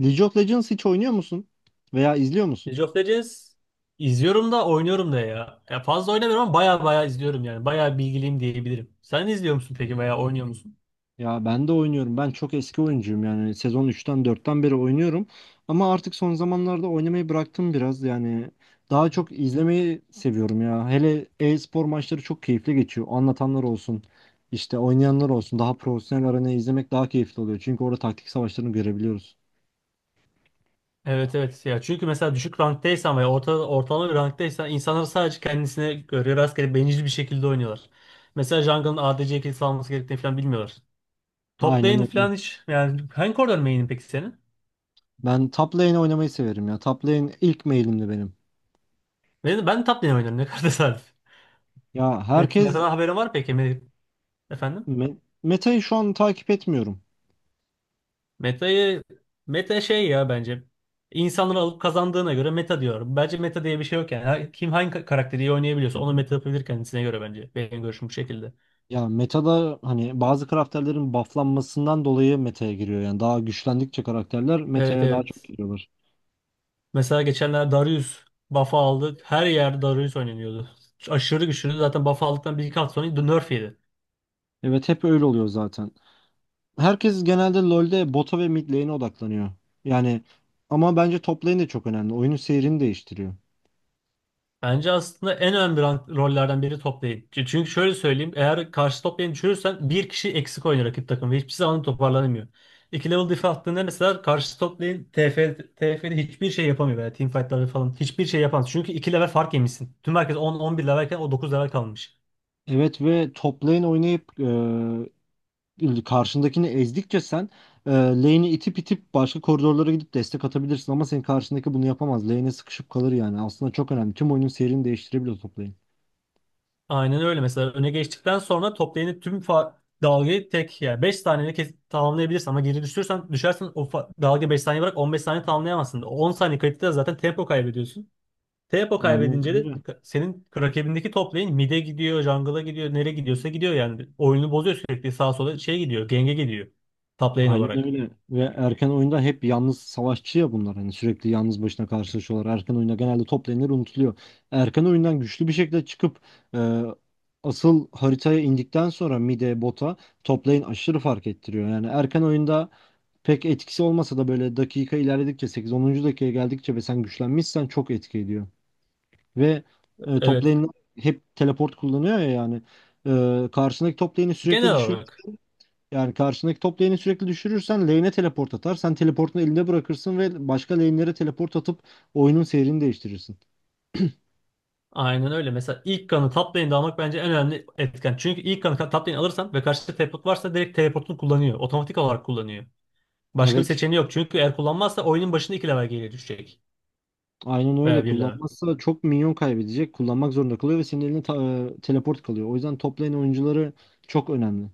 League of Legends hiç oynuyor musun? Veya izliyor musun? League of Legends izliyorum da oynuyorum da ya. Ya fazla oynamıyorum ama baya baya izliyorum yani. Baya bilgiliyim diyebilirim. Sen izliyor musun peki veya oynuyor musun? Ya ben de oynuyorum. Ben çok eski oyuncuyum yani. Sezon üçten dörtten beri oynuyorum. Ama artık son zamanlarda oynamayı bıraktım biraz. Yani daha çok izlemeyi seviyorum ya. Hele e-spor maçları çok keyifli geçiyor. Anlatanlar olsun, işte oynayanlar olsun. Daha profesyonel arenayı izlemek daha keyifli oluyor. Çünkü orada taktik savaşlarını görebiliyoruz. Evet, evet, ya, çünkü mesela düşük ranktaysan veya orta, ortalama bir ranktaysan insanlar sadece kendisine göre rastgele bencil bir şekilde oynuyorlar. Mesela jungle'ın ADC kilisi alması gerektiğini falan bilmiyorlar. Top Aynen lane öyle. falan hiç yani, hangi koridor main'in peki senin? Ben top lane oynamayı severim ya. Top lane ilk mailimdi benim. Ben top lane oynuyorum, ne kadar tesadüf. Ya herkes Meta'dan haberin var peki? Efendim? me- metayı şu an takip etmiyorum. Meta'yı meta şey ya bence. İnsanları alıp kazandığına göre meta diyorum. Bence meta diye bir şey yok yani. Kim hangi karakteri iyi oynayabiliyorsa onu meta yapabilir kendisine göre bence. Benim görüşüm bu şekilde. Ya metada hani bazı karakterlerin bufflanmasından dolayı meta'ya giriyor. Yani daha güçlendikçe karakterler Evet, meta'ya daha çok evet. giriyorlar. Mesela geçenler Darius buff'ı aldık. Her yer Darius oynanıyordu. Aşırı güçlüydü. Zaten buff aldıktan bir iki hafta sonra nerf yedi. Evet hep öyle oluyor zaten. Herkes genelde LoL'de bota ve mid lane'e odaklanıyor. Yani ama bence top lane de çok önemli. Oyunun seyrini değiştiriyor. Bence aslında en önemli rollerden biri toplayıcı. Çünkü şöyle söyleyeyim. Eğer karşı toplayıcı düşürürsen bir kişi eksik oynuyor rakip takım ve hiçbir zaman toparlanamıyor. İki level diff attığında mesela karşı toplayıcı TF'de hiçbir şey yapamıyor veya teamfightlarda falan hiçbir şey yapamaz. Çünkü iki level fark yemişsin. Tüm herkes 10-11 levelken o 9 level kalmış. Evet ve top lane oynayıp karşındakini ezdikçe lane'i itip itip başka koridorlara gidip destek atabilirsin. Ama senin karşındaki bunu yapamaz. Lane'e sıkışıp kalır yani. Aslında çok önemli. Tüm oyunun seyrini değiştirebiliyor top lane. Aynen öyle. Mesela öne geçtikten sonra toplayıcının tüm dalgayı tek, yani 5 saniyede tamamlayabilirsin, ama geri düşersen o dalga 5 saniye bırak, 15 saniye tamamlayamazsın. 10 saniye kayıtta zaten tempo kaybediyorsun. Tepo Aynen kaybedince de öyle. Senin rakibindeki top lane mid'e gidiyor, jungle'a gidiyor, nereye gidiyorsa gidiyor yani. Oyunu bozuyor, sürekli sağa sola şey gidiyor, genge gidiyor. Top lane Aynen olarak. öyle. Ve erken oyunda hep yalnız savaşçı ya bunlar. Hani sürekli yalnız başına karşılaşıyorlar. Erken oyunda genelde toplanır unutuluyor. Erken oyundan güçlü bir şekilde çıkıp e, asıl haritaya indikten sonra mid'e bota toplayın aşırı fark ettiriyor. Yani erken oyunda pek etkisi olmasa da böyle dakika ilerledikçe sekiz onuncu dakikaya geldikçe ve sen güçlenmişsen çok etki ediyor. Ve Top Evet. lane'ler hep teleport kullanıyor ya yani. E, karşındaki top lane'i sürekli Genel düşür olarak. yani karşındaki top lane'i sürekli düşürürsen lane'e teleport atar. Sen teleportunu elinde bırakırsın ve başka lane'lere teleport atıp oyunun seyrini değiştirirsin. Aynen öyle. Mesela ilk kanı top lane'de almak bence en önemli etken. Çünkü ilk kanı top lane alırsan ve karşıda teleport varsa direkt teleportunu kullanıyor. Otomatik olarak kullanıyor. Başka bir Evet, seçeneği yok. Çünkü eğer kullanmazsa oyunun başında 2 level geriye düşecek. aynen öyle. Veya bir level. Kullanmazsa çok minyon kaybedecek. Kullanmak zorunda kalıyor ve senin eline teleport kalıyor. O yüzden top lane oyuncuları çok önemli.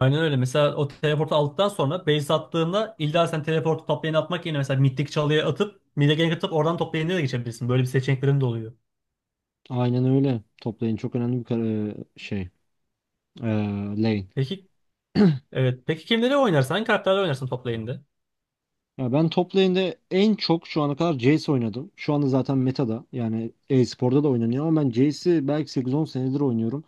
Aynen öyle. Mesela o teleportu aldıktan sonra base attığında illa sen teleportu toplayana atmak yerine mesela mittik çalıya atıp mid'e gank atıp oradan top lane'e de geçebilirsin. Böyle bir seçeneklerin de oluyor. Aynen öyle. Top lane çok önemli bir şey. E, Lane. Peki, evet. Peki kimleri oynarsın? Hangi karakterleri oynarsın top lane'de? Ya ben top lane'de en çok şu ana kadar Jayce oynadım. Şu anda zaten meta'da yani e-sporda da oynanıyor ama ben Jayce'i belki 8-10 senedir oynuyorum.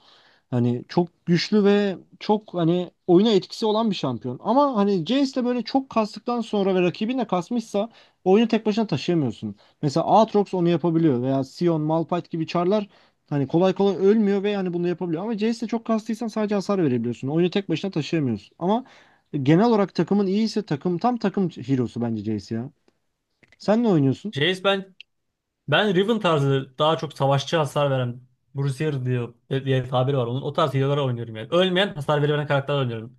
Hani çok güçlü ve çok hani oyuna etkisi olan bir şampiyon. Ama hani Jayce'le böyle çok kastıktan sonra ve rakibin de kasmışsa oyunu tek başına taşıyamıyorsun. Mesela Aatrox onu yapabiliyor veya Sion, Malphite gibi çarlar hani kolay kolay ölmüyor ve hani bunu yapabiliyor. Ama Jayce'le çok kastıysan sadece hasar verebiliyorsun. Oyunu tek başına taşıyamıyorsun. Ama genel olarak takımın iyiyse takım tam takım hero'su bence Jayce ya. Sen ne oynuyorsun? Jayce bence. Ben Riven tarzı, daha çok savaşçı, hasar veren Bruiser diye, diye tabiri var onun. O tarz healer'lar oynuyorum yani. Ölmeyen, hasar veren karakterler oynuyorum.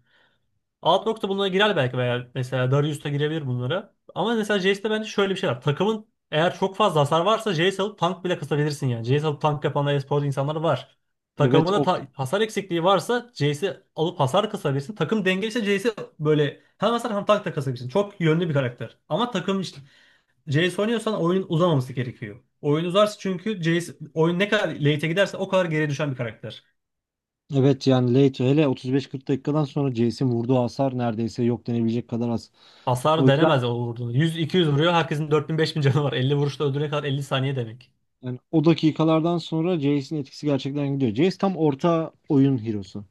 Aatrox da bunlara girer belki, veya mesela Darius da girebilir bunlara. Ama mesela Jayce'de bence şöyle bir şey var. Takımın eğer çok fazla hasar varsa Jayce alıp tank bile kısabilirsin yani. Jayce alıp tank yapan e-sporcu insanlar var. Evet, Takımında Okt hasar eksikliği varsa Jayce'i alıp hasar kısabilirsin. Takım dengeliyse Jayce'i böyle hem hasar hem tank da kısabilirsin. Çok yönlü bir karakter. Ama takım CS oynuyorsan oyunun uzamaması gerekiyor. Oyun uzarsa çünkü CS, oyun ne kadar late'e giderse o kadar geriye düşen bir karakter. evet yani late hele 35-40 dakikadan sonra Jayce'in vurduğu hasar neredeyse yok denebilecek kadar az. O Hasar yüzden denemez o vurduğunu. 100-200 vuruyor. Herkesin 4000-5000 canı var. 50 vuruşla öldürene kadar 50 saniye demek. yani o dakikalardan sonra Jayce'in etkisi gerçekten gidiyor. Jayce tam orta oyun hero'su.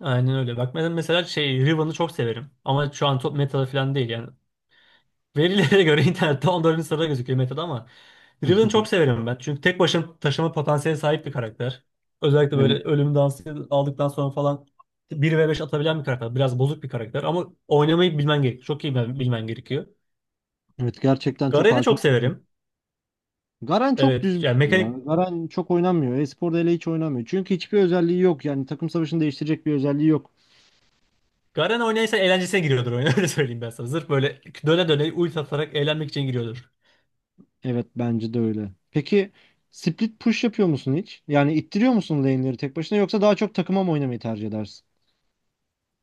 Aynen öyle. Bak ben mesela şey Riven'ı çok severim. Ama şu an top meta falan değil yani. Verilere göre internette 14. sırada gözüküyor Meta'da, ama Driven'ı çok severim ben. Çünkü tek başına taşıma potansiyeli sahip bir karakter. Özellikle böyle Evet. ölüm dansı aldıktan sonra falan bir ve beş atabilen bir karakter. Biraz bozuk bir karakter, ama oynamayı bilmen gerekiyor. Çok iyi bilmen gerekiyor. Evet gerçekten çok Garen'i hakim çok olmadı. severim. Garen çok düz Evet bir yani, şey ya. mekanik Garen çok oynanmıyor. E-sporda hele hiç oynanmıyor. Çünkü hiçbir özelliği yok. Yani takım savaşını değiştirecek bir özelliği yok. Garen oynaysa eğlencesine giriyordur oyuna, öyle söyleyeyim ben sana. Zırf böyle döne döne ult atarak eğlenmek için giriyordur. Evet bence de öyle. Peki split push yapıyor musun hiç? Yani ittiriyor musun lane'leri tek başına yoksa daha çok takıma mı oynamayı tercih edersin?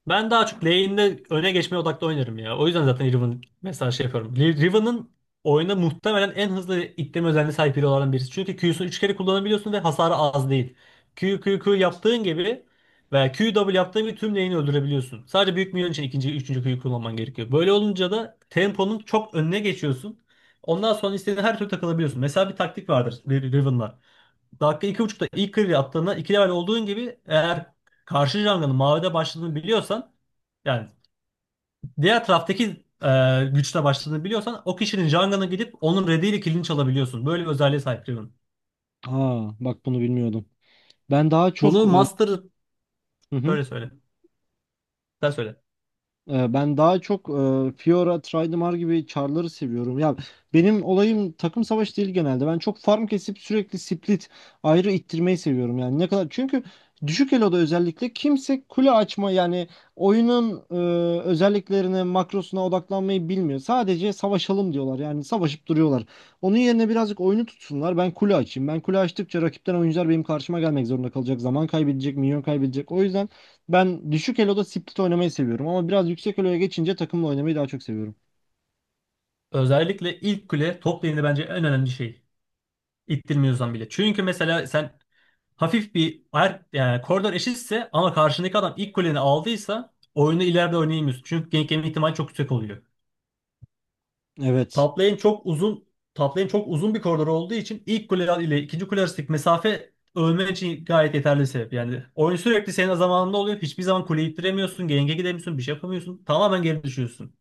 Ben daha çok lane'de öne geçmeye odaklı oynarım ya. O yüzden zaten Riven mesela şey yapıyorum. Riven'ın oyuna muhtemelen en hızlı itleme özelliğine sahip biri olan birisi. Çünkü Q'sunu 3 kere kullanabiliyorsun ve hasarı az değil. Q, Q, Q yaptığın gibi veya Q W yaptığın gibi tüm lane'i öldürebiliyorsun. Sadece büyük minyon için ikinci, üçüncü Q'yu kullanman gerekiyor. Böyle olunca da temponun çok önüne geçiyorsun. Ondan sonra istediğin her türlü takılabiliyorsun. Mesela bir taktik vardır Riven'la. Dakika iki buçukta ilk clear'i attığında 2 level olduğun gibi, eğer karşı jungle'ın mavide başladığını biliyorsan, yani diğer taraftaki güçle başladığını biliyorsan, o kişinin jungle'ına gidip onun red'iyle kill'ini çalabiliyorsun. Böyle bir özelliğe sahip Riven. Aa bak bunu bilmiyordum. Ben daha çok... Bunu e, Master Hı hı. söyle, söyle. Sen söyle. Ben daha çok Fiora, Tridimar gibi char'ları seviyorum. Ya benim olayım takım savaşı değil genelde. Ben çok farm kesip sürekli split ayrı ittirmeyi seviyorum. Yani ne kadar çünkü düşük eloda özellikle kimse kule açma yani oyunun özelliklerine, makrosuna odaklanmayı bilmiyor. Sadece savaşalım diyorlar. Yani savaşıp duruyorlar. Onun yerine birazcık oyunu tutsunlar. Ben kule açayım. Ben kule açtıkça rakipten oyuncular benim karşıma gelmek zorunda kalacak. Zaman kaybedecek, minyon kaybedecek. O yüzden ben düşük eloda split oynamayı seviyorum ama biraz yüksek eloya geçince takımla oynamayı daha çok seviyorum. Özellikle ilk kule top lane'de bence en önemli şey. İttirmiyorsan bile. Çünkü mesela sen hafif bir yani koridor eşitse ama karşındaki adam ilk kuleni aldıysa oyunu ileride oynayamıyorsun. Çünkü gank yeme ihtimali çok yüksek oluyor. Evet. Top lane çok uzun top lane çok uzun bir koridor olduğu için ilk kule ile ikinci kule arasındaki mesafe ölmen için gayet yeterli bir sebep. Yani oyun sürekli senin zamanında oluyor. Hiçbir zaman kuleyi ittiremiyorsun. Genge gidemiyorsun. Bir şey yapamıyorsun. Tamamen geri düşüyorsun.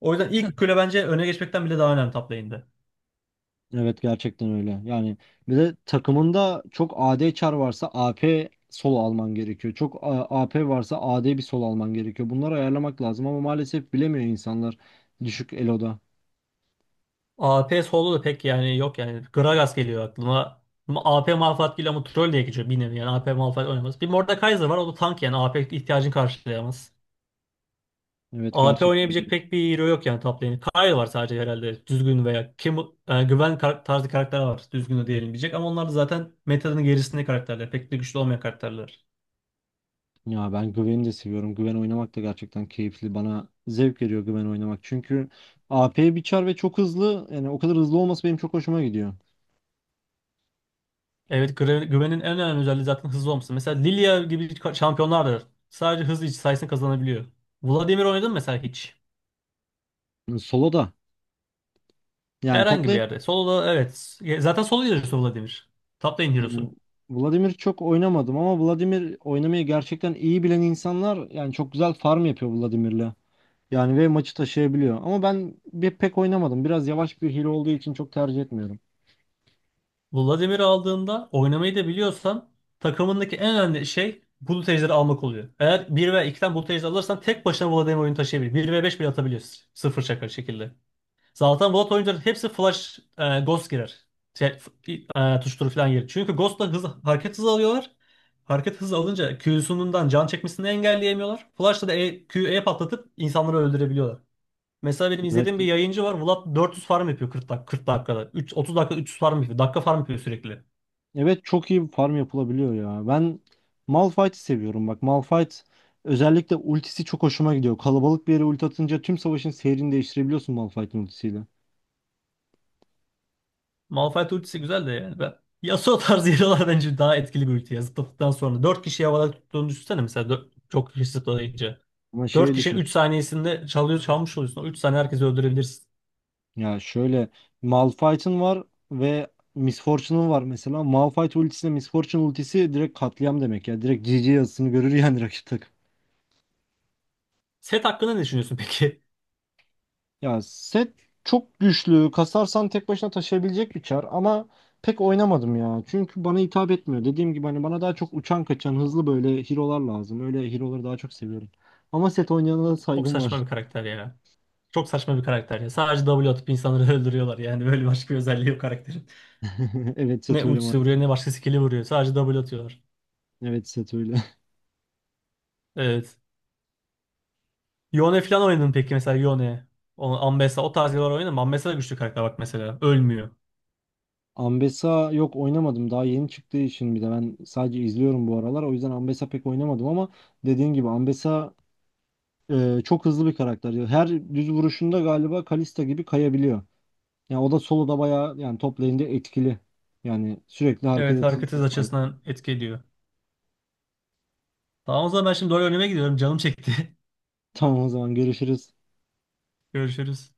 O yüzden ilk kule bence öne geçmekten bile daha önemli top lane'de. Evet gerçekten öyle. Yani bir de takımında çok AD çar varsa AP solo alman gerekiyor. AP varsa AD bir solo alman gerekiyor. Bunları ayarlamak lazım ama maalesef bilemiyor insanlar düşük eloda. AP solo da pek yani yok yani. Gragas geliyor aklıma. Ama AP Malphite geliyor, ama troll diye geçiyor bir nevi yani. AP Malphite oynamaz. Bir Mordekaiser var, o da tank yani AP ihtiyacını karşılayamaz. Evet AP gerçekten oynayabilecek öyle. pek bir hero yok yani top lane'e. Kayle var sadece herhalde düzgün, veya kim güven tarzı karakter var düzgün de diyebilecek, ama onlar da zaten metanın gerisinde karakterler. Pek de güçlü olmayan karakterler. Ya ben Güven'i de seviyorum. Güven oynamak da gerçekten keyifli. Bana zevk veriyor Güven oynamak. Çünkü AP bir çar ve çok hızlı. Yani o kadar hızlı olması benim çok hoşuma gidiyor. Evet, güvenin en önemli özelliği zaten hızlı olması. Mesela Lilia gibi şampiyonlar da sadece hızlı sayesinde kazanabiliyor. Vladimir oynadın mı mesela hiç? Solo da. Yani Herhangi bir toplayın yerde. Solo'da evet. Zaten solo hero'su Vladimir. Top lane yani hero'su. Vladimir çok oynamadım ama Vladimir oynamayı gerçekten iyi bilen insanlar yani çok güzel farm yapıyor Vladimir'le. Yani ve maçı taşıyabiliyor. Ama ben bir pek oynamadım. Biraz yavaş bir hile olduğu için çok tercih etmiyorum. Vladimir'i aldığında oynamayı da biliyorsan takımındaki en önemli şey bulut ejderi almak oluyor. Eğer 1 veya 2'den bulut ejderi alırsan tek başına Vladimir oyunu taşıyabilir. Bir ve 5 bile atabiliyor. Sıfır şaka şekilde. Zaten Vlad oyuncuların hepsi flash ghost girer. Şey, tuşturu falan girer. Çünkü ghost'la hız, hareket hızı alıyorlar. Hareket hızı alınca Q'sundan can çekmesini engelleyemiyorlar. Flash'la da Q'ye patlatıp insanları öldürebiliyorlar. Mesela benim Evet. izlediğim bir yayıncı var. Vlad 400 farm yapıyor 40 40 dakikada. 3, 30 dakika 300 farm yapıyor. Dakika farm yapıyor sürekli. Evet çok iyi bir farm yapılabiliyor ya. Ben Malphite'i seviyorum bak. Malphite özellikle ultisi çok hoşuma gidiyor. Kalabalık bir yere ulti atınca tüm savaşın seyrini değiştirebiliyorsun Malphite'in ultisiyle. Malphite ultisi güzel de yani. Ben. Yasuo tarzı hero'lar bence daha etkili bir ulti ya. Zıpladıktan sonra 4 kişi havada tuttuğunu düşünsene mesela çok kişi zıplayınca. Ama 4 şey kişinin düşün 3 saniyesinde çalıyor çalmış oluyorsun. O 3 saniye herkesi öldürebilirsin. ya şöyle Malphite'ın var ve Miss Fortune'ın var mesela. Malphite ultisiyle Miss Fortune ultisi direkt katliam demek ya. Direkt GG yazısını görür yani rakip takım. Set hakkında ne düşünüyorsun peki? Ya set çok güçlü. Kasarsan tek başına taşıyabilecek bir çar ama pek oynamadım ya. Çünkü bana hitap etmiyor. Dediğim gibi hani bana daha çok uçan kaçan hızlı böyle hero'lar lazım. Öyle hero'ları daha çok seviyorum. Ama set oynayana da Çok saygım var. saçma bir karakter ya. Çok saçma bir karakter ya. Sadece W atıp insanları öldürüyorlar. Yani böyle başka bir özelliği yok karakterin. Evet Ne set öyle ultisi vuruyor, maalesef. ne başka skill'i vuruyor. Sadece W atıyorlar. Evet set öyle. Evet. Yone falan oynadın peki mesela, Yone. Ambessa o tarz hero'lar oynadın mı? Ambessa da güçlü karakter bak mesela. Ölmüyor. Ambessa yok oynamadım. Daha yeni çıktığı için bir de ben sadece izliyorum bu aralar. O yüzden Ambessa pek oynamadım ama dediğin gibi Ambessa çok hızlı bir karakter ya. Her düz vuruşunda galiba Kalista gibi kayabiliyor. Yani o da soloda bayağı yani top lane'de etkili. Yani sürekli hareket Evet, et hareket hızına hız sahip. açısından etki ediyor. Tamam, o zaman ben şimdi doğru önüme gidiyorum. Canım çekti. Tamam o zaman görüşürüz. Görüşürüz.